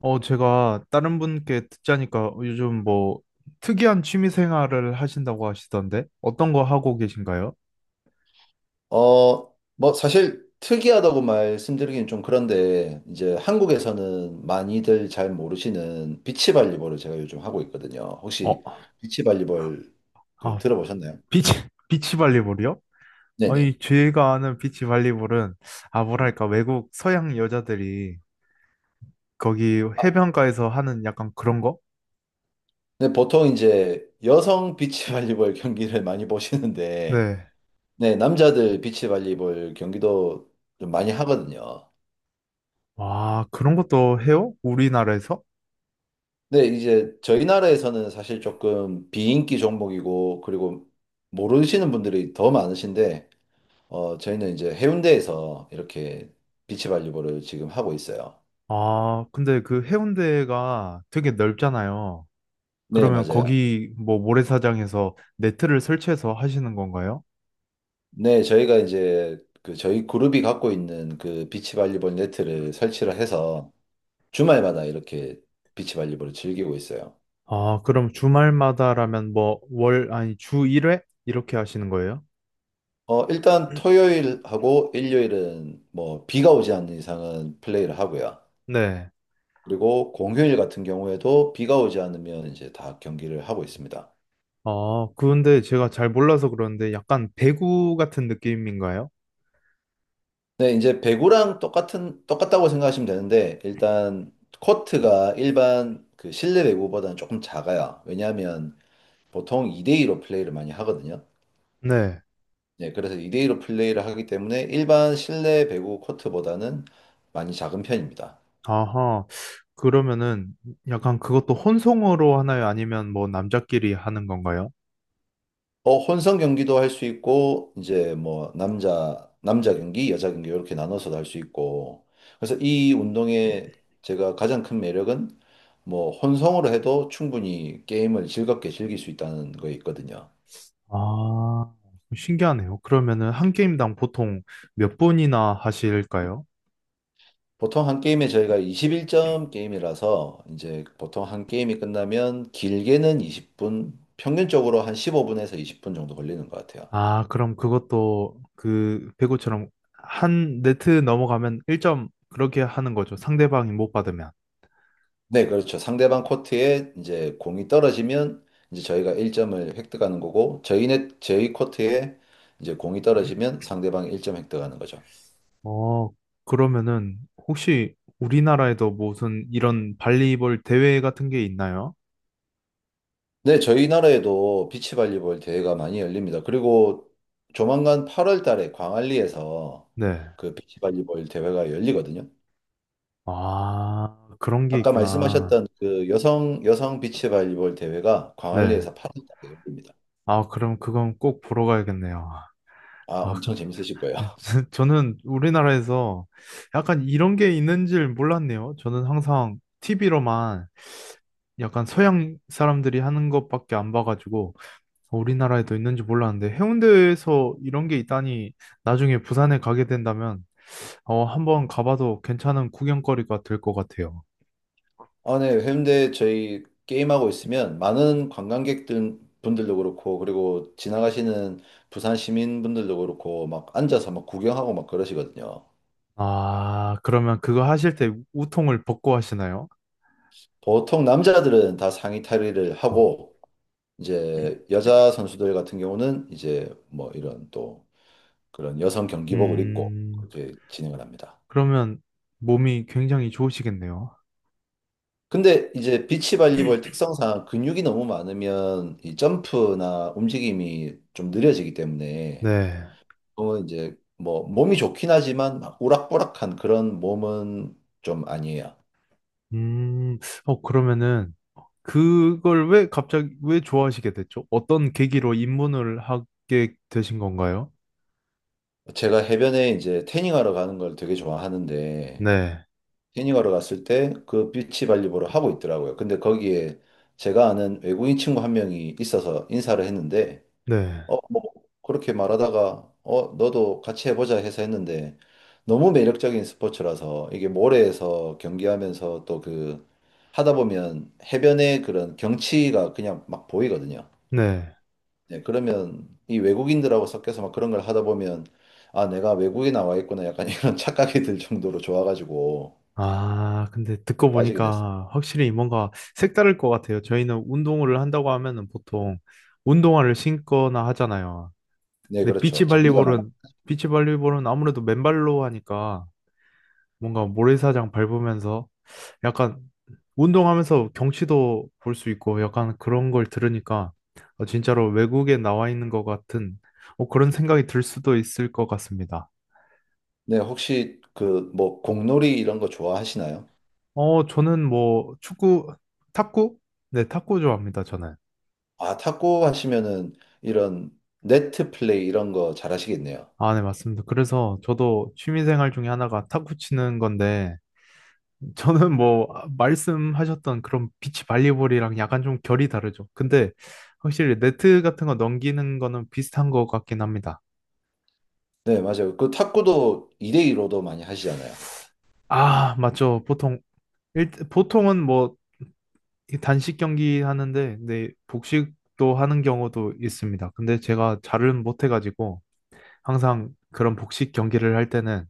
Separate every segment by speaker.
Speaker 1: 어, 제가 다른 분께 듣자니까 요즘 뭐 특이한 취미 생활을 하신다고 하시던데 어떤 거 하고 계신가요?
Speaker 2: 뭐, 사실 특이하다고 말씀드리긴 좀 그런데, 이제 한국에서는 많이들 잘 모르시는 비치발리볼을 제가 요즘 하고 있거든요. 혹시
Speaker 1: 어,
Speaker 2: 비치발리볼
Speaker 1: 아,
Speaker 2: 들어보셨나요?
Speaker 1: 비치, 비치 발리볼이요?
Speaker 2: 네네.
Speaker 1: 아니, 제가 아는 비치 발리볼은 아,
Speaker 2: 음.
Speaker 1: 뭐랄까, 외국 서양 여자들이 거기
Speaker 2: 아,
Speaker 1: 해변가에서 하는 약간 그런 거?
Speaker 2: 네, 보통 이제 여성 비치발리볼 경기를 많이 보시는데,
Speaker 1: 네.
Speaker 2: 네, 남자들 비치발리볼 경기도 좀 많이 하거든요.
Speaker 1: 와, 그런 것도 해요? 우리나라에서?
Speaker 2: 근데 이제 저희 나라에서는 사실 조금 비인기 종목이고, 그리고 모르시는 분들이 더 많으신데, 저희는 이제 해운대에서 이렇게 비치발리볼을 지금 하고 있어요.
Speaker 1: 아, 근데 그 해운대가 되게 넓잖아요.
Speaker 2: 네,
Speaker 1: 그러면
Speaker 2: 맞아요.
Speaker 1: 거기 뭐 모래사장에서 네트를 설치해서 하시는 건가요?
Speaker 2: 네, 저희가 이제 그 저희 그룹이 갖고 있는 그 비치발리볼 네트를 설치를 해서 주말마다 이렇게 비치발리볼을 즐기고 있어요.
Speaker 1: 아, 그럼 주말마다라면 뭐 월, 아니 주 1회? 이렇게 하시는 거예요?
Speaker 2: 일단 토요일하고 일요일은 뭐 비가 오지 않는 이상은 플레이를 하고요.
Speaker 1: 네.
Speaker 2: 그리고 공휴일 같은 경우에도 비가 오지 않으면 이제 다 경기를 하고 있습니다.
Speaker 1: 아, 그런데 제가 잘 몰라서 그러는데 약간 배구 같은 느낌인가요?
Speaker 2: 네, 이제 배구랑 똑같다고 생각하시면 되는데, 일단, 코트가 일반 그 실내 배구보다는 조금 작아요. 왜냐하면 보통 2대2로 플레이를 많이 하거든요.
Speaker 1: 네.
Speaker 2: 네, 그래서 2대2로 플레이를 하기 때문에 일반 실내 배구 코트보다는 많이 작은 편입니다.
Speaker 1: 아하, 그러면은 약간 그것도 혼성으로 하나요? 아니면 뭐 남자끼리 하는 건가요?
Speaker 2: 혼성 경기도 할 수 있고, 이제 뭐, 남자 경기, 여자 경기, 이렇게 나눠서도 할 수 있고. 그래서 이 운동의 제가 가장 큰 매력은 뭐, 혼성으로 해도 충분히 게임을 즐겁게 즐길 수 있다는 거에 있거든요.
Speaker 1: 아, 신기하네요. 그러면은 한 게임당 보통 몇 분이나 하실까요?
Speaker 2: 보통 한 게임에 저희가 21점 게임이라서, 이제 보통 한 게임이 끝나면 길게는 20분, 평균적으로 한 15분에서 20분 정도 걸리는 것 같아요.
Speaker 1: 아, 그럼 그것도 그 배구처럼 한 네트 넘어가면 1점 그렇게 하는 거죠. 상대방이 못 받으면.
Speaker 2: 네, 그렇죠. 상대방 코트에 이제 공이 떨어지면 이제 저희가 1점을 획득하는 거고 저희 코트에 이제 공이 떨어지면 상대방이 1점 획득하는 거죠.
Speaker 1: 어, 그러면은 혹시 우리나라에도 무슨 이런 발리볼 대회 같은 게 있나요?
Speaker 2: 네, 저희 나라에도 비치발리볼 대회가 많이 열립니다. 그리고 조만간 8월 달에 광안리에서
Speaker 1: 네.
Speaker 2: 그 비치발리볼 대회가 열리거든요.
Speaker 1: 아, 그런 게
Speaker 2: 아까
Speaker 1: 있구나.
Speaker 2: 말씀하셨던 그 여성 비치발리볼 대회가
Speaker 1: 네.
Speaker 2: 광안리에서 8월 달에 열립니다.
Speaker 1: 아, 그럼 그건 꼭 보러 가야겠네요.
Speaker 2: 아,
Speaker 1: 아,
Speaker 2: 엄청
Speaker 1: 근데
Speaker 2: 재밌으실 거예요.
Speaker 1: 저는 우리나라에서 약간 이런 게 있는 줄 몰랐네요. 저는 항상 TV로만 약간 서양 사람들이 하는 것밖에 안 봐가지고 우리나라에도 있는지 몰랐는데 해운대에서 이런 게 있다니 나중에 부산에 가게 된다면 어, 한번 가봐도 괜찮은 구경거리가 될 것 같아요.
Speaker 2: 아, 네. 해운대 저희 게임하고 있으면 많은 관광객들 분들도 그렇고 그리고 지나가시는 부산 시민분들도 그렇고 막 앉아서 막 구경하고 막 그러시거든요.
Speaker 1: 아, 그러면 그거 하실 때 우통을 벗고 하시나요?
Speaker 2: 보통 남자들은 다 상의 탈의를
Speaker 1: 어,
Speaker 2: 하고 이제 여자 선수들 같은 경우는 이제 뭐 이런 또 그런 여성 경기복을 입고
Speaker 1: 음,
Speaker 2: 그렇게 진행을 합니다.
Speaker 1: 그러면 몸이 굉장히 좋으시겠네요.
Speaker 2: 근데 이제 비치 발리볼 특성상 근육이 너무 많으면 이 점프나 움직임이 좀 느려지기 때문에
Speaker 1: 네.
Speaker 2: 또 이제 뭐 몸이 좋긴 하지만 막 우락부락한 그런 몸은 좀 아니에요.
Speaker 1: 음, 어, 그러면은 그걸 왜 갑자기 왜 좋아하시게 됐죠? 어떤 계기로 입문을 하게 되신 건가요?
Speaker 2: 제가 해변에 이제 태닝하러 가는 걸 되게 좋아하는데
Speaker 1: 네,
Speaker 2: 태닝하러 갔을 때 그 비치 발리볼을 하고 있더라고요. 근데 거기에 제가 아는 외국인 친구 한 명이 있어서 인사를 했는데
Speaker 1: 네,
Speaker 2: 뭐 그렇게 말하다가 너도 같이 해보자 해서 했는데 너무 매력적인 스포츠라서 이게 모래에서 경기하면서 또 하다 보면 해변의 그런 경치가 그냥 막 보이거든요.
Speaker 1: 네.
Speaker 2: 네, 그러면 이 외국인들하고 섞여서 막 그런 걸 하다 보면 아, 내가 외국에 나와 있구나 약간 이런 착각이 들 정도로 좋아가지고
Speaker 1: 아, 근데 듣고
Speaker 2: 네, 빠지게 됐어요.
Speaker 1: 보니까 확실히 뭔가 색다를 것 같아요. 저희는 운동을 한다고 하면은 보통 운동화를 신거나 하잖아요.
Speaker 2: 네,
Speaker 1: 근데
Speaker 2: 그렇죠. 장비가 많아.
Speaker 1: 비치발리볼은, 비치발리볼은 아무래도 맨발로 하니까 뭔가 모래사장 밟으면서 약간 운동하면서 경치도 볼 수 있고 약간 그런 걸 들으니까 어, 진짜로 외국에 나와 있는 것 같은 어, 그런 생각이 들 수도 있을 것 같습니다.
Speaker 2: 네, 혹시 뭐 공놀이 이런 거 좋아하시나요?
Speaker 1: 어, 저는 뭐 축구, 탁구? 네, 탁구 좋아합니다, 저는.
Speaker 2: 아, 탁구 하시면은 이런 네트 플레이 이런 거 잘하시겠네요.
Speaker 1: 아, 네, 맞습니다. 그래서 저도 취미생활 중에 하나가 탁구 치는 건데, 저는 뭐 아, 말씀하셨던 그런 비치 발리볼이랑 약간 좀 결이 다르죠. 근데 확실히 네트 같은 거 넘기는 거는 비슷한 것 같긴 합니다.
Speaker 2: 네, 맞아요. 그 탁구도 2대2로도 많이 하시잖아요.
Speaker 1: 아, 맞죠. 보통 일, 보통은 뭐이 단식 경기 하는데, 네, 복식도 하는 경우도 있습니다. 근데 제가 잘은 못해가지고. 항상 그런 복식 경기를 할 때는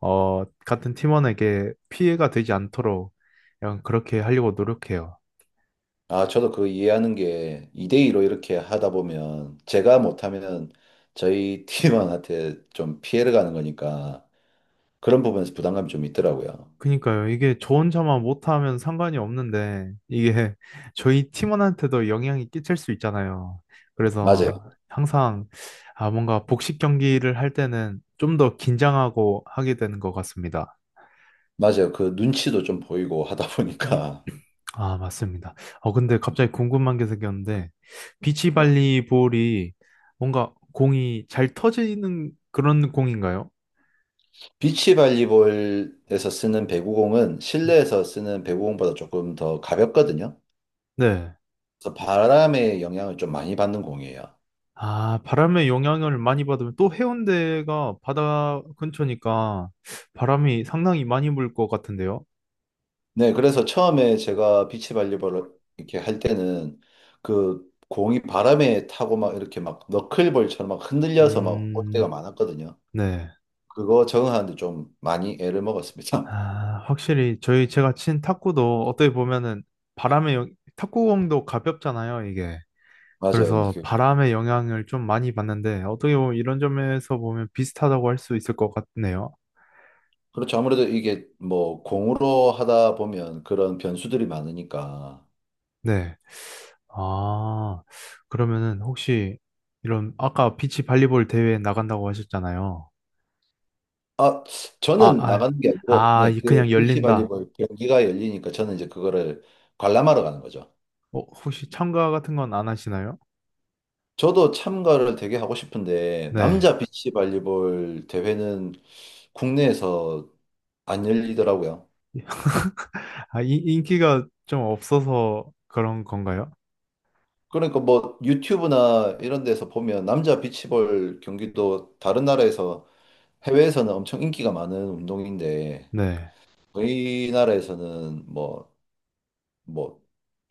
Speaker 1: 어, 같은 팀원에게 피해가 되지 않도록 약간 그렇게 하려고 노력해요.
Speaker 2: 아, 저도 그거 이해하는 게 2대2로 이렇게 하다 보면 제가 못하면 저희 팀원한테 좀 피해를 가는 거니까 그런 부분에서 부담감이 좀 있더라고요.
Speaker 1: 그니까요. 이게 저 혼자만 못하면 상관이 없는데 이게 저희 팀원한테도 영향이 끼칠 수 있잖아요.
Speaker 2: 맞아요.
Speaker 1: 그래서 항상 아, 뭔가 복식 경기를 할 때는 좀 더 긴장하고 하게 되는 것 같습니다.
Speaker 2: 맞아요. 그 눈치도 좀 보이고 하다 보니까.
Speaker 1: 아, 맞습니다. 어, 근데 갑자기 궁금한 게 생겼는데,
Speaker 2: 네.
Speaker 1: 비치발리볼이 뭔가 공이 잘 터지는 그런 공인가요?
Speaker 2: 비치 발리볼에서 쓰는 배구공은 실내에서 쓰는 배구공보다 조금 더 가볍거든요.
Speaker 1: 네.
Speaker 2: 그래서 바람의 영향을 좀 많이 받는 공이에요.
Speaker 1: 아, 바람의 영향을 많이 받으면 또 해운대가 바다 근처니까 바람이 상당히 많이 불 것 같은데요.
Speaker 2: 네, 그래서 처음에 제가 비치 발리볼을 이렇게 할 때는 그 공이 바람에 타고 막 이렇게 막 너클볼처럼 막 흔들려서 막 올 때가
Speaker 1: 음,
Speaker 2: 많았거든요.
Speaker 1: 네.
Speaker 2: 그거 적응하는데 좀 많이 애를 먹었습니다.
Speaker 1: 아, 확실히 저희 제가 친 탁구도 어떻게 보면은 탁구공도 가볍잖아요, 이게.
Speaker 2: 맞아요.
Speaker 1: 그래서 바람의 영향을 좀 많이 받는데 어떻게 보면 이런 점에서 보면 비슷하다고 할 수 있을 것 같네요.
Speaker 2: 그렇죠. 아무래도 이게 뭐 공으로 하다 보면 그런 변수들이 많으니까.
Speaker 1: 네. 아, 그러면은 혹시 이런 아까 비치 발리볼 대회에 나간다고 하셨잖아요.
Speaker 2: 아,
Speaker 1: 아,
Speaker 2: 저는
Speaker 1: 아,
Speaker 2: 나가는 게 아니고,
Speaker 1: 아,
Speaker 2: 네,
Speaker 1: 이
Speaker 2: 그
Speaker 1: 그냥
Speaker 2: 비치
Speaker 1: 열린다.
Speaker 2: 발리볼 경기가 열리니까 저는 이제 그거를 관람하러 가는 거죠.
Speaker 1: 어, 혹시 참가 같은 건 안 하시나요?
Speaker 2: 저도 참가를 되게 하고 싶은데,
Speaker 1: 네.
Speaker 2: 남자 비치 발리볼 대회는 국내에서 안 열리더라고요.
Speaker 1: 아, 이, 인기가 좀 없어서 그런 건가요?
Speaker 2: 그러니까 뭐 유튜브나 이런 데서 보면 남자 비치볼 경기도 다른 나라에서 해외에서는 엄청 인기가 많은 운동인데,
Speaker 1: 네.
Speaker 2: 저희 나라에서는 뭐,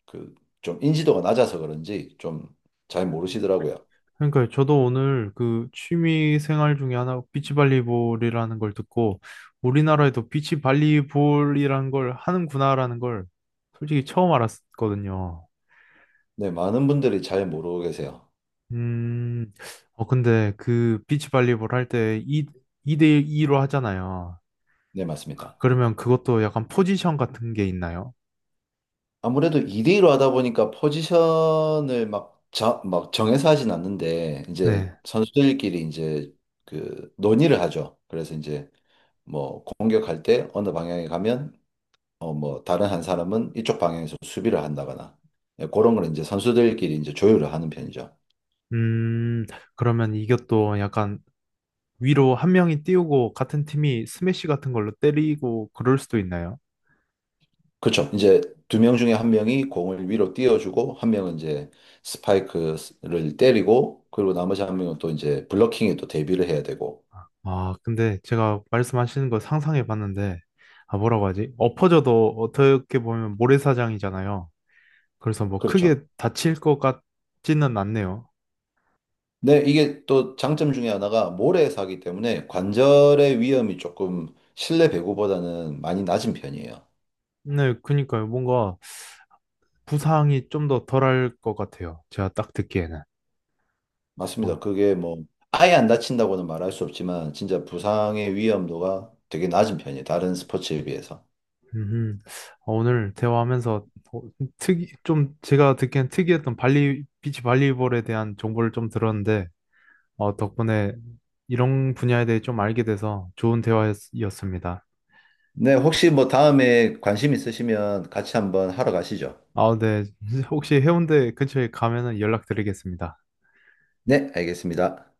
Speaker 2: 그, 좀 인지도가 낮아서 그런지 좀 잘 모르시더라고요.
Speaker 1: 그러니까 저도 오늘 그 취미 생활 중에 하나 비치발리볼이라는 걸 듣고 우리나라에도 비치발리볼이라는 걸 하는구나라는 걸 솔직히 처음 알았거든요.
Speaker 2: 네, 많은 분들이 잘 모르고 계세요.
Speaker 1: 음, 어, 근데 그 비치발리볼 할 때 2, 이대 2로 하잖아요.
Speaker 2: 네,
Speaker 1: 그-
Speaker 2: 맞습니다.
Speaker 1: 그러면 그것도 약간 포지션 같은 게 있나요?
Speaker 2: 아무래도 2대1로 하다 보니까 포지션을 막 정해서 하진 않는데, 이제
Speaker 1: 네.
Speaker 2: 선수들끼리 이제 그 논의를 하죠. 그래서 이제 뭐 공격할 때 어느 방향에 가면, 뭐 다른 한 사람은 이쪽 방향에서 수비를 한다거나, 예, 그런 걸 이제 선수들끼리 이제 조율을 하는 편이죠.
Speaker 1: 음, 그러면 이것도 약간 위로 한 명이 띄우고 같은 팀이 스매시 같은 걸로 때리고 그럴 수도 있나요?
Speaker 2: 그렇죠. 이제 두 명 중에 한 명이 공을 위로 띄워주고 한 명은 이제 스파이크를 때리고 그리고 나머지 한 명은 또 이제 블러킹에 또 대비를 해야 되고
Speaker 1: 아, 근데 제가 말씀하시는 거 상상해 봤는데, 아, 뭐라고 하지? 엎어져도 어떻게 보면 모래사장이잖아요. 그래서 뭐
Speaker 2: 그렇죠.
Speaker 1: 크게 다칠 것 같지는 않네요.
Speaker 2: 네, 이게 또 장점 중에 하나가 모래사기 때문에 관절의 위험이 조금 실내 배구보다는 많이 낮은 편이에요.
Speaker 1: 네, 그니까요. 뭔가 부상이 좀 더 덜할 것 같아요. 제가 딱 듣기에는.
Speaker 2: 맞습니다.
Speaker 1: 어,
Speaker 2: 그게 뭐 아예 안 다친다고는 말할 수 없지만 진짜 부상의 위험도가 되게 낮은 편이에요. 다른 스포츠에 비해서.
Speaker 1: 음, 어, 오늘 대화하면서 어, 좀 제가 듣기엔 특이했던 비치 발리볼에 대한 정보를 좀 들었는데, 어, 덕분에 이런 분야에 대해 좀 알게 돼서 좋은 대화였습니다.
Speaker 2: 네, 혹시 뭐 다음에 관심 있으시면 같이 한번 하러 가시죠.
Speaker 1: 아, 네. 혹시 해운대 근처에 가면은 연락드리겠습니다.
Speaker 2: 네, 알겠습니다.